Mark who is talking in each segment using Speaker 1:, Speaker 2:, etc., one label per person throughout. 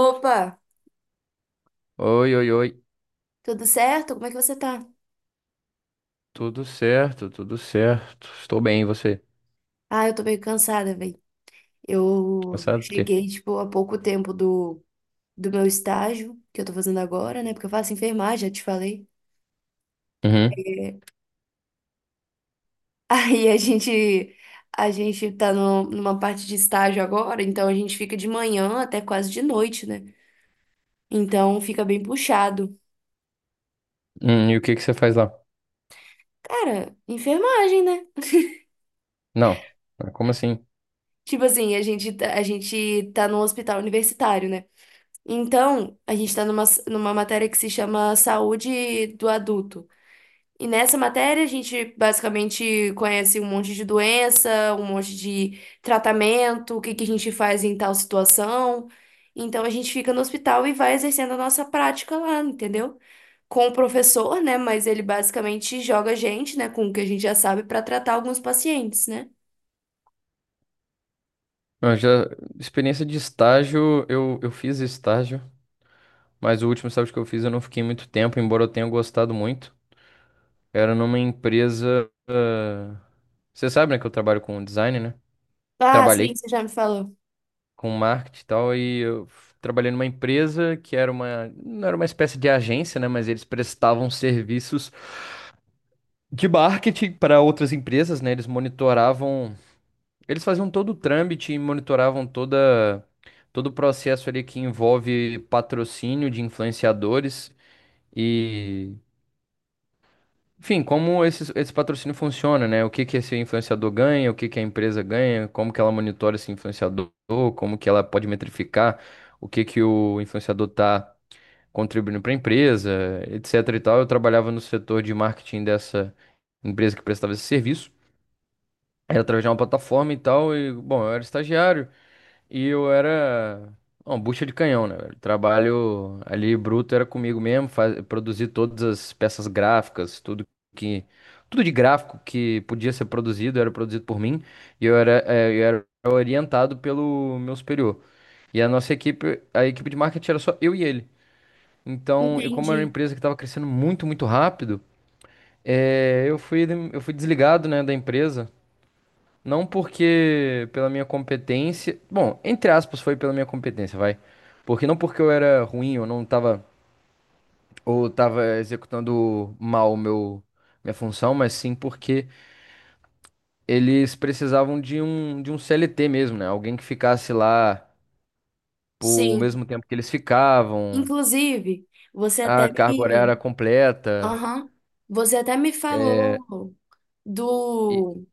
Speaker 1: Opa,
Speaker 2: Oi, oi, oi.
Speaker 1: tudo certo? Como é que você tá?
Speaker 2: Tudo certo, tudo certo. Estou bem, e você?
Speaker 1: Ah, eu tô meio cansada, velho. Eu
Speaker 2: Cansado do quê?
Speaker 1: cheguei, tipo, há pouco tempo do, meu estágio, que eu tô fazendo agora, né? Porque eu faço enfermagem, já te falei.
Speaker 2: Uhum.
Speaker 1: Aí a gente tá no, numa parte de estágio agora, então a gente fica de manhã até quase de noite, né? Então fica bem puxado.
Speaker 2: E o que que você faz lá?
Speaker 1: Cara, enfermagem, né?
Speaker 2: Não. Ah, como assim?
Speaker 1: Tipo assim, a gente tá num hospital universitário, né? Então, a gente está numa matéria que se chama Saúde do Adulto. E nessa matéria, a gente basicamente conhece um monte de doença, um monte de tratamento, o que que a gente faz em tal situação. Então, a gente fica no hospital e vai exercendo a nossa prática lá, entendeu? Com o professor, né? Mas ele basicamente joga a gente, né, com o que a gente já sabe, para tratar alguns pacientes, né?
Speaker 2: Eu já experiência de estágio, eu fiz estágio, mas o último estágio que eu fiz eu não fiquei muito tempo, embora eu tenha gostado muito. Era numa empresa. Você sabe, né, que eu trabalho com design, né?
Speaker 1: Ah, sim,
Speaker 2: Trabalhei
Speaker 1: você já me falou.
Speaker 2: com marketing e tal, e trabalhei numa empresa que era uma, não era uma espécie de agência, né, mas eles prestavam serviços de marketing para outras empresas, né? Eles monitoravam, eles faziam todo o trâmite e monitoravam toda todo o processo ali que envolve patrocínio de influenciadores e, enfim, como esse patrocínio funciona, né? O que que esse influenciador ganha, o que que a empresa ganha, como que ela monitora esse influenciador, como que ela pode metrificar o que que o influenciador tá contribuindo para a empresa, etc e tal. Eu trabalhava no setor de marketing dessa empresa que prestava esse serviço. Era através de uma plataforma e tal, e, bom, eu era estagiário e eu era uma bucha de canhão, né, velho? Trabalho ali bruto era comigo mesmo, faz, produzir todas as peças gráficas, que, tudo de gráfico que podia ser produzido, era produzido por mim, e eu era orientado pelo meu superior. E a nossa equipe, a equipe de marketing era só eu e ele. Então, eu como era uma
Speaker 1: Entendi.
Speaker 2: empresa que estava crescendo muito, muito rápido, eh, eu fui, eu fui desligado, né, da empresa não porque pela minha competência. Bom, entre aspas, foi pela minha competência, vai. Porque não porque eu era ruim, eu não tava. Ou tava executando mal minha função, mas sim porque eles precisavam de um CLT mesmo, né? Alguém que ficasse lá por o
Speaker 1: Sim.
Speaker 2: mesmo tempo que eles ficavam,
Speaker 1: Inclusive, você
Speaker 2: a
Speaker 1: até
Speaker 2: carga horária era
Speaker 1: me.
Speaker 2: completa.
Speaker 1: Aham. Você até me falou
Speaker 2: E.
Speaker 1: do.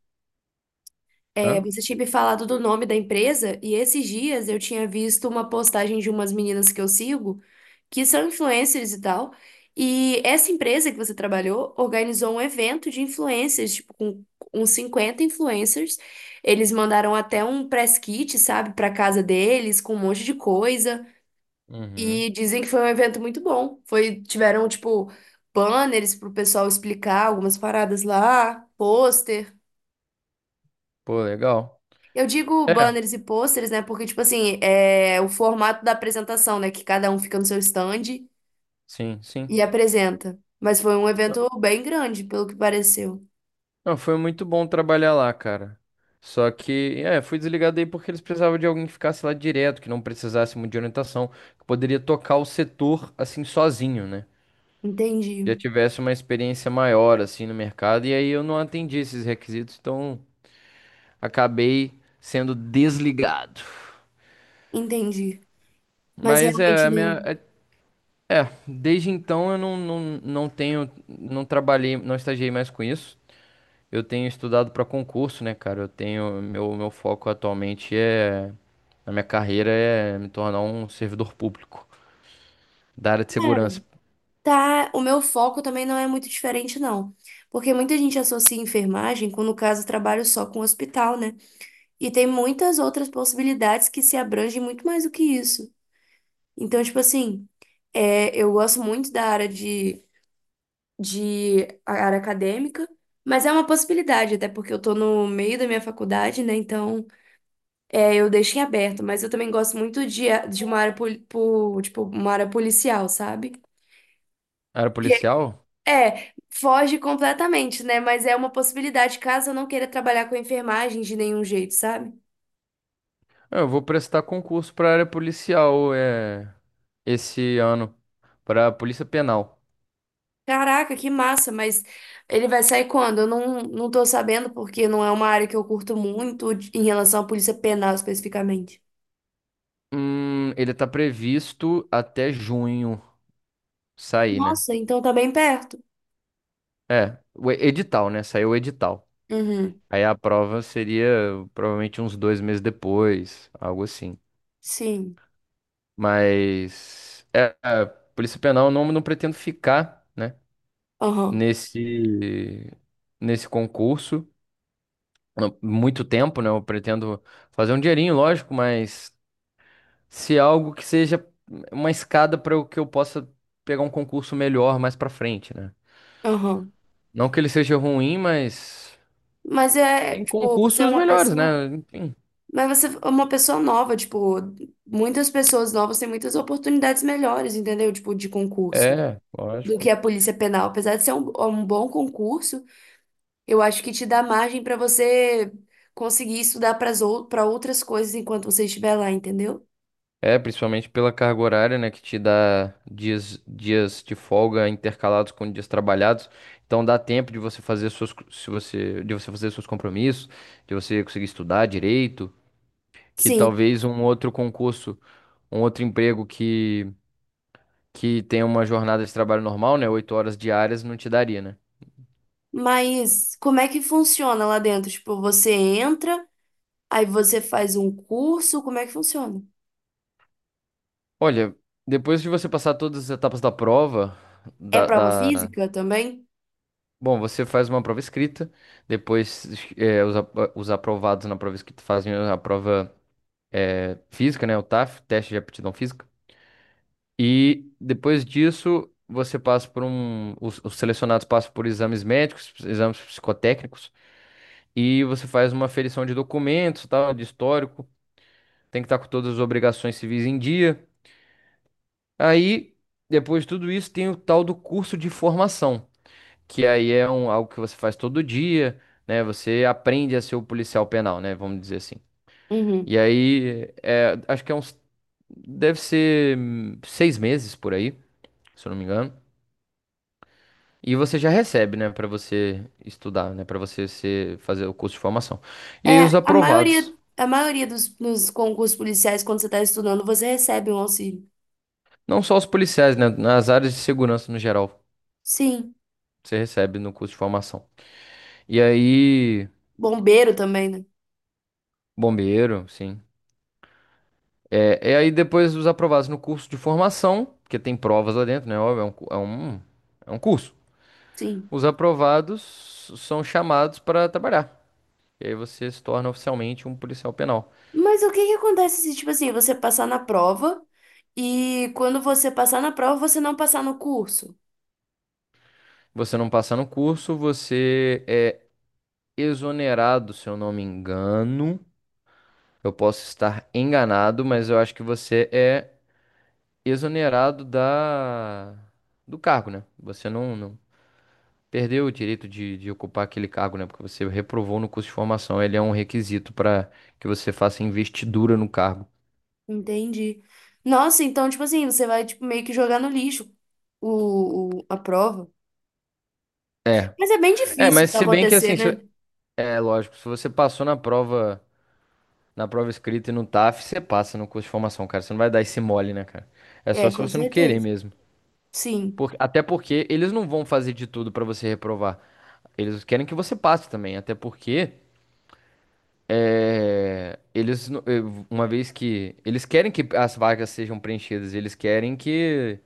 Speaker 1: É,
Speaker 2: Hã?
Speaker 1: você tinha me falado do nome da empresa, e esses dias eu tinha visto uma postagem de umas meninas que eu sigo, que são influencers e tal. E essa empresa que você trabalhou organizou um evento de influencers, tipo, com uns 50 influencers. Eles mandaram até um press kit, sabe, para casa deles, com um monte de coisa.
Speaker 2: Uhum.
Speaker 1: E dizem que foi um evento muito bom. Foi, tiveram, tipo, banners pro pessoal explicar algumas paradas lá, pôster.
Speaker 2: Pô, legal.
Speaker 1: Eu digo
Speaker 2: É,
Speaker 1: banners e pôsteres, né? Porque, tipo assim, é o formato da apresentação, né? Que cada um fica no seu stand
Speaker 2: sim, sim.
Speaker 1: e apresenta. Mas foi um evento bem grande, pelo que pareceu.
Speaker 2: Não, foi muito bom trabalhar lá, cara. Só que, é, fui desligado aí porque eles precisavam de alguém que ficasse lá direto, que não precisasse muito de orientação, que poderia tocar o setor assim sozinho, né?
Speaker 1: Entendi,
Speaker 2: Já tivesse uma experiência maior assim no mercado, e aí eu não atendi esses requisitos, então acabei sendo desligado.
Speaker 1: entendi. Mas
Speaker 2: Mas é,
Speaker 1: realmente,
Speaker 2: a
Speaker 1: né?
Speaker 2: minha, é, é, Desde então eu não, não, não tenho, não trabalhei, não estagiei mais com isso. Eu tenho estudado para concurso, né, cara? Eu tenho meu foco atualmente é na minha carreira é me tornar um servidor público da área de
Speaker 1: Cara,
Speaker 2: segurança.
Speaker 1: tá. O meu foco também não é muito diferente, não. Porque muita gente associa enfermagem, quando no caso eu trabalho só com hospital, né? E tem muitas outras possibilidades que se abrangem muito mais do que isso. Então, tipo assim, eu gosto muito de a área acadêmica, mas é uma possibilidade, até porque eu tô no meio da minha faculdade, né? Então, eu deixei aberto, mas eu também gosto muito de uma área, tipo, uma área policial, sabe?
Speaker 2: Área
Speaker 1: Que
Speaker 2: policial?
Speaker 1: foge completamente, né? Mas é uma possibilidade caso eu não queira trabalhar com enfermagem de nenhum jeito, sabe?
Speaker 2: Ah, eu vou prestar concurso para área policial é esse ano para a Polícia Penal.
Speaker 1: Caraca, que massa, mas ele vai sair quando? Eu não tô sabendo, porque não é uma área que eu curto muito em relação à polícia penal especificamente.
Speaker 2: Ele tá previsto até junho sair, né?
Speaker 1: Nossa, então tá bem perto.
Speaker 2: É, edital, né? Saiu o edital.
Speaker 1: Uhum,
Speaker 2: Aí a prova seria provavelmente uns 2 meses depois, algo assim.
Speaker 1: sim.
Speaker 2: Mas é, a Polícia Penal eu não, não pretendo ficar, né,
Speaker 1: Aham,
Speaker 2: nesse nesse concurso não, muito tempo, né? Eu pretendo fazer um dinheirinho, lógico, mas se algo que seja uma escada para o que eu possa pegar um concurso melhor mais para frente, né?
Speaker 1: aham.
Speaker 2: Não que ele seja ruim, mas
Speaker 1: Mas é,
Speaker 2: tem
Speaker 1: tipo, você é
Speaker 2: concursos
Speaker 1: uma
Speaker 2: melhores,
Speaker 1: pessoa.
Speaker 2: né? Enfim,
Speaker 1: Mas você é uma pessoa nova, tipo, muitas pessoas novas têm muitas oportunidades melhores, entendeu? Tipo, de concurso,
Speaker 2: é,
Speaker 1: do
Speaker 2: lógico.
Speaker 1: que a polícia penal. Apesar de ser um bom concurso. Eu acho que te dá margem para você conseguir estudar para outras coisas enquanto você estiver lá, entendeu?
Speaker 2: É, principalmente pela carga horária, né, que te dá dias, dias de folga intercalados com dias trabalhados. Então dá tempo de você fazer suas, co- se você, de você fazer seus compromissos, de você conseguir estudar direito, que
Speaker 1: Sim,
Speaker 2: talvez um outro concurso, um outro emprego que tenha uma jornada de trabalho normal, né, 8 horas diárias, não te daria, né?
Speaker 1: mas como é que funciona lá dentro? Tipo, você entra, aí você faz um curso, como é que funciona?
Speaker 2: Olha, depois de você passar todas as etapas da prova,
Speaker 1: É
Speaker 2: da,
Speaker 1: prova
Speaker 2: da
Speaker 1: física também?
Speaker 2: bom, você faz uma prova escrita, depois os aprovados na prova escrita fazem a prova física, né? O TAF, teste de aptidão física. E depois disso, você passa por um. Os selecionados passam por exames médicos, exames psicotécnicos, e você faz uma aferição de documentos, tal, de histórico. Tem que estar com todas as obrigações civis em dia. Aí, depois de tudo isso, tem o tal do curso de formação. Que aí é um, algo que você faz todo dia, né? Você aprende a ser o policial penal, né? Vamos dizer assim.
Speaker 1: Uhum.
Speaker 2: E aí, é, acho que é uns, deve ser 6 meses por aí, se eu não me engano. E você já recebe, né, pra você estudar, né, pra você ser, fazer o curso de formação. E aí os
Speaker 1: É, a maioria,
Speaker 2: aprovados,
Speaker 1: a maioria dos concursos policiais, quando você está estudando, você recebe um auxílio.
Speaker 2: não só os policiais, né, nas áreas de segurança no geral,
Speaker 1: Sim.
Speaker 2: você recebe no curso de formação. E aí,
Speaker 1: Bombeiro também, né?
Speaker 2: bombeiro, sim. É, e aí depois os aprovados no curso de formação, porque tem provas lá dentro, né? Óbvio, é um curso.
Speaker 1: Sim.
Speaker 2: Os aprovados são chamados para trabalhar. E aí você se torna oficialmente um policial penal.
Speaker 1: Mas o que que acontece se, tipo assim, você passar na prova e quando você passar na prova, você não passar no curso?
Speaker 2: Você não passa no curso, você é exonerado, se eu não me engano. Eu posso estar enganado, mas eu acho que você é exonerado da do cargo, né? Você não, não, perdeu o direito de ocupar aquele cargo, né? Porque você reprovou no curso de formação. Ele é um requisito para que você faça investidura no cargo.
Speaker 1: Entendi. Nossa, então, tipo assim, você vai, tipo, meio que jogar no lixo a prova.
Speaker 2: É.
Speaker 1: Mas é bem
Speaker 2: É,
Speaker 1: difícil
Speaker 2: mas
Speaker 1: isso
Speaker 2: se bem que
Speaker 1: acontecer,
Speaker 2: assim,
Speaker 1: né?
Speaker 2: é lógico, se você passou na prova escrita e no TAF, você passa no curso de formação, cara. Você não vai dar esse mole, né, cara? É só
Speaker 1: É,
Speaker 2: se
Speaker 1: com
Speaker 2: você não querer
Speaker 1: certeza.
Speaker 2: mesmo.
Speaker 1: Sim.
Speaker 2: Até porque eles não vão fazer de tudo pra você reprovar. Eles querem que você passe também, até porque É, eles, no- eh, uma vez que eles querem que as vagas sejam preenchidas, eles querem que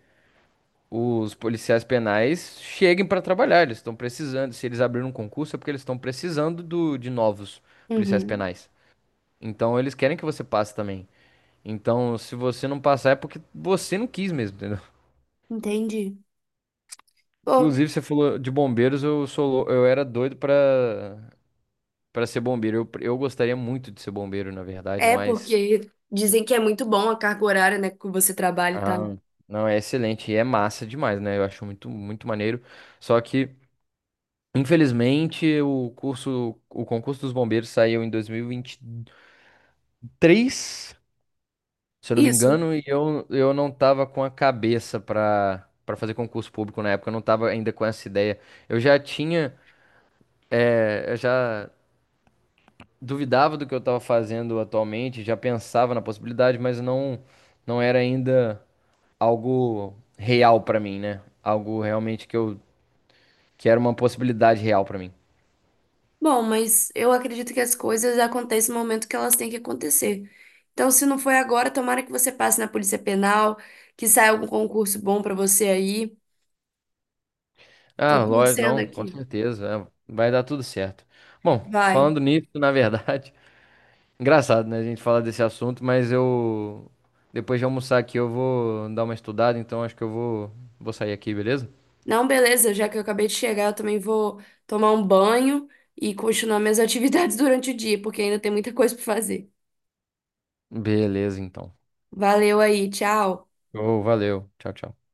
Speaker 2: os policiais penais cheguem para trabalhar. Eles estão precisando. Se eles abriram um concurso, é porque eles estão precisando de novos policiais
Speaker 1: Uhum.
Speaker 2: penais. Então eles querem que você passe também. Então, se você não passar, é porque você não quis mesmo, entendeu?
Speaker 1: Entendi. Pô.
Speaker 2: Inclusive, você falou de bombeiros, eu era doido para para ser bombeiro. Eu gostaria muito de ser bombeiro, na verdade,
Speaker 1: É,
Speaker 2: mas
Speaker 1: porque dizem que é muito bom a carga horária, né, que você trabalha e tal.
Speaker 2: ah, não, é excelente e é massa demais, né? Eu acho muito, muito maneiro. Só que, infelizmente, o concurso dos bombeiros saiu em dois mil e vinte e três, se eu não me
Speaker 1: Isso.
Speaker 2: engano, e eu não tava com a cabeça pra para fazer concurso público na época, eu não tava ainda com essa ideia. Eu já tinha, eu já duvidava do que eu tava fazendo atualmente, já pensava na possibilidade, mas não, não era ainda algo real pra mim, né? Algo realmente que eu que era uma possibilidade real pra mim.
Speaker 1: Bom, mas eu acredito que as coisas acontecem no momento que elas têm que acontecer. Então, se não foi agora, tomara que você passe na Polícia Penal, que saia algum concurso bom pra você aí. Tô
Speaker 2: Ah, lógico,
Speaker 1: torcendo
Speaker 2: não, com
Speaker 1: aqui.
Speaker 2: certeza, é, vai dar tudo certo. Bom,
Speaker 1: Vai.
Speaker 2: falando nisso, na verdade, engraçado, né, a gente falar desse assunto, mas eu depois de almoçar aqui eu vou dar uma estudada, então acho que eu vou vou sair aqui, beleza?
Speaker 1: Não, beleza, já que eu acabei de chegar, eu também vou tomar um banho e continuar minhas atividades durante o dia, porque ainda tem muita coisa pra fazer.
Speaker 2: Beleza, então.
Speaker 1: Valeu aí, tchau.
Speaker 2: Ô, valeu. Tchau, tchau.